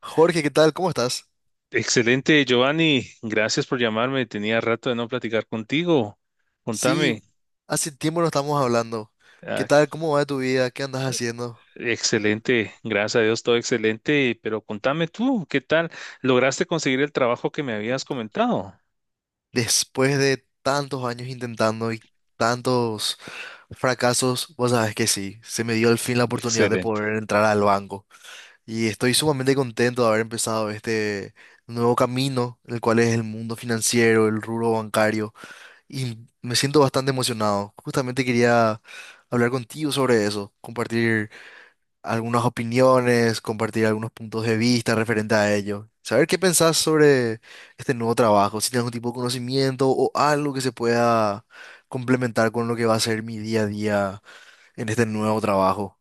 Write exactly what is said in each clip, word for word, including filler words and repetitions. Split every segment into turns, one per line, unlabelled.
Jorge, ¿qué tal? ¿Cómo estás?
Excelente, Giovanni. Gracias por llamarme. Tenía rato de no platicar contigo.
Sí,
Contame.
hace tiempo no estamos hablando. ¿Qué
Ah,
tal? ¿Cómo va tu vida? ¿Qué andas haciendo?
excelente. Gracias a Dios, todo excelente. Pero contame tú, ¿qué tal? ¿Lograste conseguir el trabajo que me habías comentado?
Después de tantos años intentando y tantos fracasos, vos sabes que sí, se me dio al fin la oportunidad de
Excelente.
poder entrar al banco. Y estoy sumamente contento de haber empezado este nuevo camino, el cual es el mundo financiero, el rubro bancario. Y me siento bastante emocionado. Justamente quería hablar contigo sobre eso, compartir algunas opiniones, compartir algunos puntos de vista referente a ello. Saber qué pensás sobre este nuevo trabajo, si tienes algún tipo de conocimiento o algo que se pueda complementar con lo que va a ser mi día a día en este nuevo trabajo.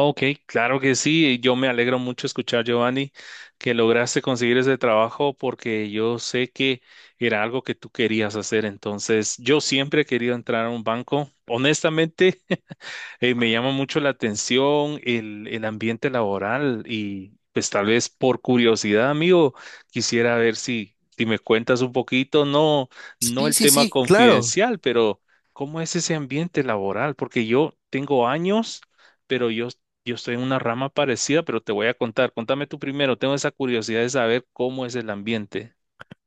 Ok, claro que sí. Yo me alegro mucho escuchar, Giovanni, que lograste conseguir ese trabajo porque yo sé que era algo que tú querías hacer. Entonces, yo siempre he querido entrar a un banco. Honestamente, Eh, me llama mucho la atención el, el ambiente laboral y pues tal vez por curiosidad, amigo, quisiera ver si, si me cuentas un poquito, no, no
Sí,
el
sí,
tema
sí, claro.
confidencial, pero ¿cómo es ese ambiente laboral? Porque yo tengo años, pero yo, yo estoy en una rama parecida, pero te voy a contar. Contame tú primero, tengo esa curiosidad de saber cómo es el ambiente.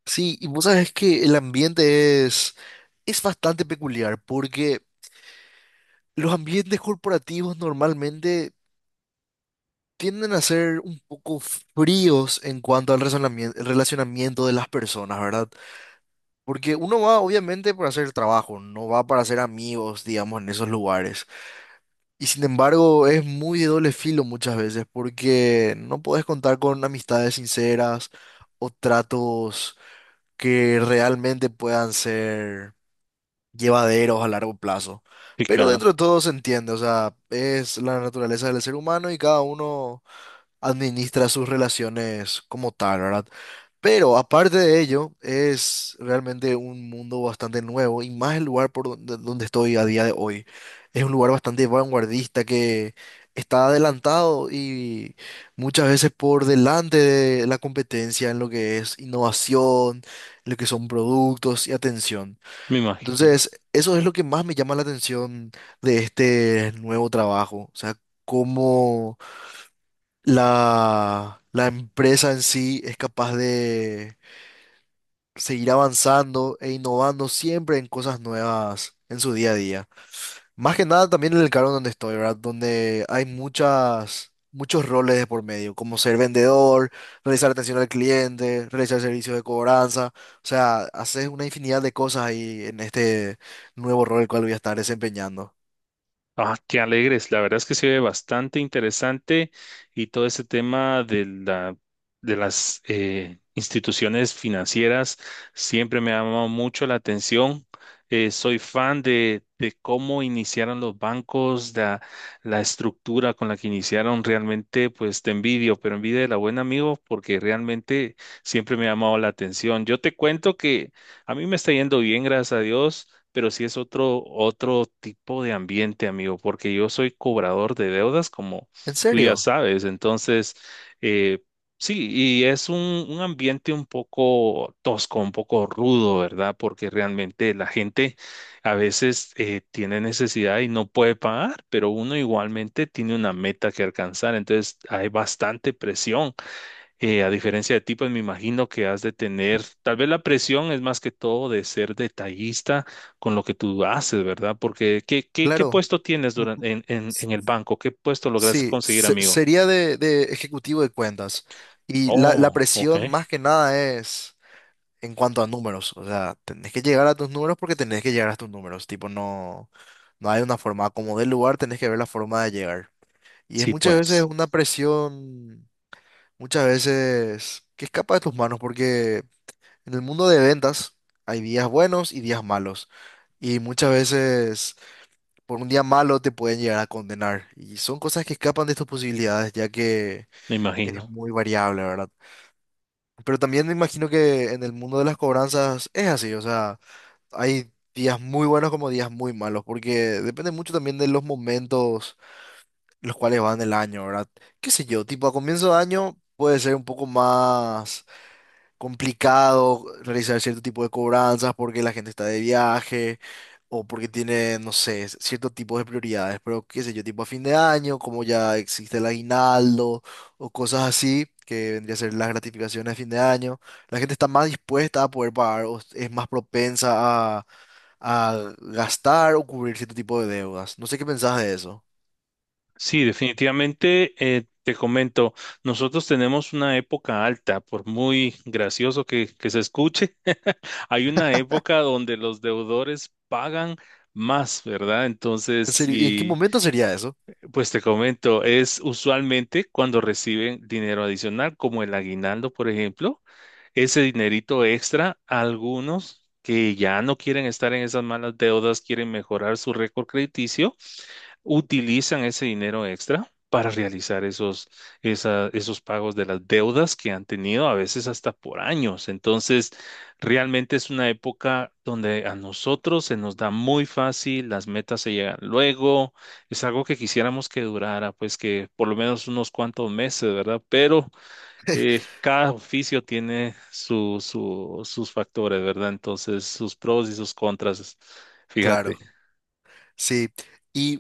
Sí, y vos sabes que el ambiente es, es bastante peculiar porque los ambientes corporativos normalmente tienden a ser un poco fríos en cuanto al razonamien- el relacionamiento de las personas, ¿verdad? Porque uno va obviamente para hacer el trabajo, no va para hacer amigos, digamos, en esos lugares. Y sin embargo, es muy de doble filo muchas veces, porque no podés contar con amistades sinceras o tratos que realmente puedan ser llevaderos a largo plazo.
Sí,
Pero
claro,
dentro de todo se entiende, o sea, es la naturaleza del ser humano y cada uno administra sus relaciones como tal, ¿verdad? Pero aparte de ello, es realmente un mundo bastante nuevo y más el lugar por donde, donde estoy a día de hoy. Es un lugar bastante vanguardista que está adelantado y muchas veces por delante de la competencia en lo que es innovación, en lo que son productos y atención.
me imagino.
Entonces, eso es lo que más me llama la atención de este nuevo trabajo. O sea, cómo la, la empresa en sí es capaz de seguir avanzando e innovando siempre en cosas nuevas en su día a día. Más que nada también en el cargo donde estoy, ¿verdad? Donde hay muchas, muchos roles de por medio, como ser vendedor, realizar atención al cliente, realizar servicios de cobranza. O sea, haces una infinidad de cosas ahí en este nuevo rol el cual voy a estar desempeñando.
Ah, qué alegres. La verdad es que se ve bastante interesante y todo ese tema de la, de las eh, instituciones financieras siempre me ha llamado mucho la atención. Eh, soy fan de, de cómo iniciaron los bancos, la, la estructura con la que iniciaron. Realmente, pues te envidio, pero envidia de la buena amigo porque realmente siempre me ha llamado la atención. Yo te cuento que a mí me está yendo bien, gracias a Dios, pero sí es otro, otro tipo de ambiente, amigo, porque yo soy cobrador de deudas, como
¿En
tú ya
serio?
sabes. Entonces, eh, sí, y es un, un ambiente un poco tosco, un poco rudo, ¿verdad? Porque realmente la gente a veces eh, tiene necesidad y no puede pagar, pero uno igualmente tiene una meta que alcanzar. Entonces, hay bastante presión eh, a diferencia de ti, pues me imagino que has de tener, tal vez la presión es más que todo de ser detallista con lo que tú haces, ¿verdad? Porque, ¿qué, qué, qué
Claro.
puesto tienes
m-
durante, en, en, en el banco? ¿Qué puesto lograste
Sí,
conseguir,
se-
amigo?
sería de, de ejecutivo de cuentas. Y la, la
Oh, ok.
presión más que nada es en cuanto a números. O sea, tenés que llegar a tus números porque tenés que llegar a tus números. Tipo, no, no hay una forma. Como del lugar, tenés que ver la forma de llegar. Y es
Sí,
muchas veces
pues,
una presión, muchas veces que escapa de tus manos porque en el mundo de ventas hay días buenos y días malos. Y muchas veces por un día malo te pueden llegar a condenar. Y son cosas que escapan de tus posibilidades, ya que
me
es
imagino.
muy variable, ¿verdad? Pero también me imagino que en el mundo de las cobranzas es así, o sea, hay días muy buenos como días muy malos, porque depende mucho también de los momentos los cuales van el año, ¿verdad? ¿Qué sé yo? Tipo, a comienzo de año puede ser un poco más complicado realizar cierto tipo de cobranzas porque la gente está de viaje o porque tiene, no sé, cierto tipo de prioridades, pero qué sé yo, tipo a fin de año, como ya existe el aguinaldo o cosas así, que vendría a ser las gratificaciones de fin de año, la gente está más dispuesta a poder pagar o es más propensa a, a gastar o cubrir cierto tipo de deudas. No sé qué pensás de eso.
Sí, definitivamente, eh, te comento, nosotros tenemos una época alta, por muy gracioso que, que se escuche, hay una época donde los deudores pagan más, ¿verdad?
En
Entonces,
serio, ¿y en qué
y...
momento sería eso?
Pues te comento, es usualmente cuando reciben dinero adicional, como el aguinaldo, por ejemplo, ese dinerito extra, algunos que ya no quieren estar en esas malas deudas, quieren mejorar su récord crediticio, utilizan ese dinero extra para realizar esos, esa- esos pagos de las deudas que han tenido a veces hasta por años. Entonces, realmente es una época donde a nosotros se nos da muy fácil, las metas se llegan luego, es algo que quisiéramos que durara, pues que por lo menos unos cuantos meses, ¿verdad? Pero eh, cada oficio tiene su, su- sus factores, ¿verdad? Entonces, sus pros y sus contras, fíjate.
Claro, sí. Y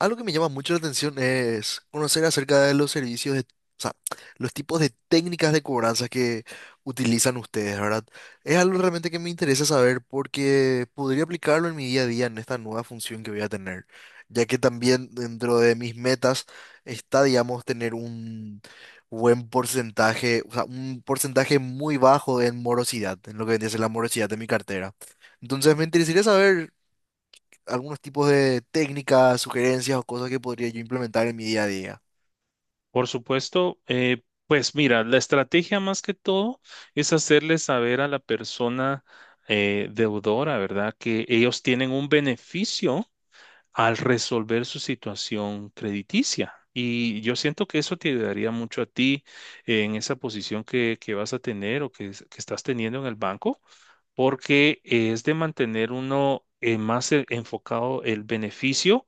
algo que me llama mucho la atención es conocer acerca de los servicios de, o sea, los tipos de técnicas de cobranza que utilizan ustedes, ¿verdad? Es algo realmente que me interesa saber porque podría aplicarlo en mi día a día en esta nueva función que voy a tener, ya que también dentro de mis metas está, digamos, tener un buen porcentaje, o sea, un porcentaje muy bajo en morosidad, en lo que vendría a ser la morosidad de mi cartera. Entonces me interesaría saber algunos tipos de técnicas, sugerencias o cosas que podría yo implementar en mi día a día.
Por supuesto, eh, pues mira, la estrategia más que todo es hacerle saber a la persona eh, deudora, ¿verdad? Que ellos tienen un beneficio al resolver su situación crediticia. Y yo siento que eso te ayudaría mucho a ti en esa posición que, que vas a tener o que, es- que estás teniendo en el banco, porque es de mantener uno eh, más e- enfocado el beneficio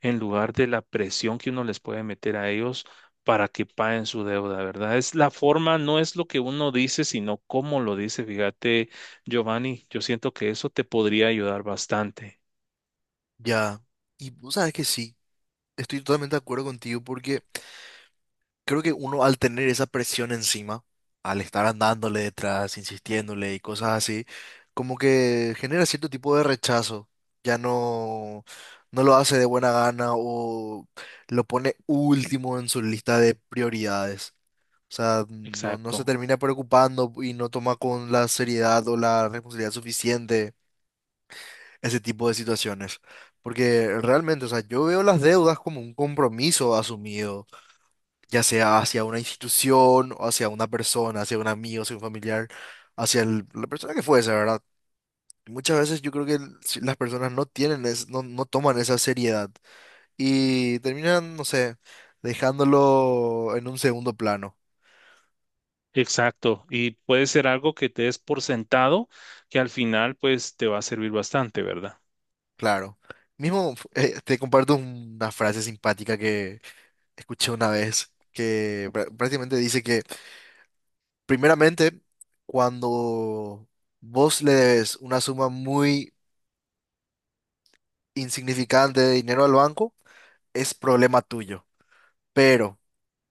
en lugar de la presión que uno les puede meter a ellos para que paguen su deuda, ¿verdad? Es la forma, no es lo que uno dice, sino cómo lo dice. Fíjate, Giovanni, yo siento que eso te podría ayudar bastante.
Ya. Y vos sabes que sí, estoy totalmente de acuerdo contigo porque creo que uno al tener esa presión encima, al estar andándole detrás, insistiéndole y cosas así, como que genera cierto tipo de rechazo. Ya no, no lo hace de buena gana o lo pone último en su lista de prioridades. O sea, no, no se
Exacto.
termina preocupando y no toma con la seriedad o la responsabilidad suficiente ese tipo de situaciones. Porque realmente, o sea, yo veo las deudas como un compromiso asumido, ya sea hacia una institución o hacia una persona, hacia un amigo, hacia un familiar, hacia el- la persona que fuese, ¿verdad? Muchas veces yo creo que el- si las personas no tienen, es- no, no toman esa seriedad y terminan, no sé, dejándolo en un segundo plano.
Exacto, y puede ser algo que te des por sentado, que al final pues te va a servir bastante, ¿verdad?
Claro. Mismo, eh, te comparto una frase simpática que escuché una vez, que prá- prácticamente dice que, primeramente, cuando vos le debes una suma muy insignificante de dinero al banco, es problema tuyo. Pero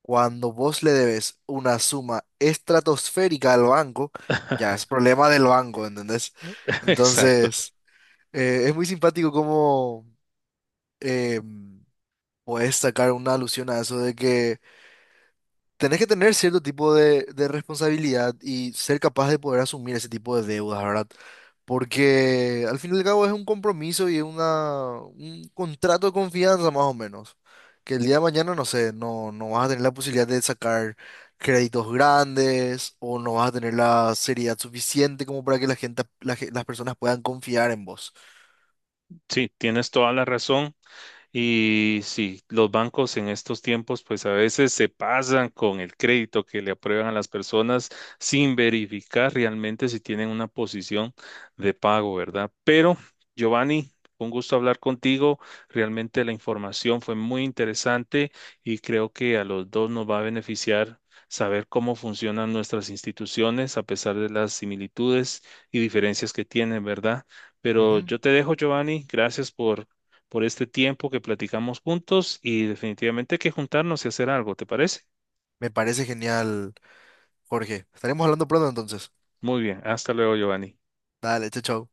cuando vos le debes una suma estratosférica al banco, ya es problema del banco, ¿entendés?
Exacto,
Entonces, eh, es muy simpático como puedes sacar una alusión a eso de que tenés que tener cierto tipo de de responsabilidad y ser capaz de poder asumir ese tipo de deudas, ¿verdad? Porque al fin y al cabo es un compromiso y es una, un contrato de confianza más o menos. Que el día de mañana, no sé, no, no vas a tener la posibilidad de sacar créditos grandes o no vas a tener la seriedad suficiente como para que la gente, la ge- las personas puedan confiar en vos.
sí, tienes toda la razón. Y sí, los bancos en estos tiempos pues a veces se pasan con el crédito que le aprueban a las personas sin verificar realmente si tienen una posición de pago, ¿verdad? Pero Giovanni, un gusto hablar contigo. Realmente la información fue muy interesante y creo que a los dos nos va a beneficiar saber cómo funcionan nuestras instituciones a pesar de las similitudes y diferencias que tienen, ¿verdad? Pero
Ujú.
yo te dejo, Giovanni. Gracias por por este tiempo que platicamos juntos y definitivamente hay que juntarnos y hacer algo, ¿te parece?
Me parece genial, Jorge. Estaremos hablando pronto entonces.
Muy bien, hasta luego, Giovanni.
Dale, chao, chao.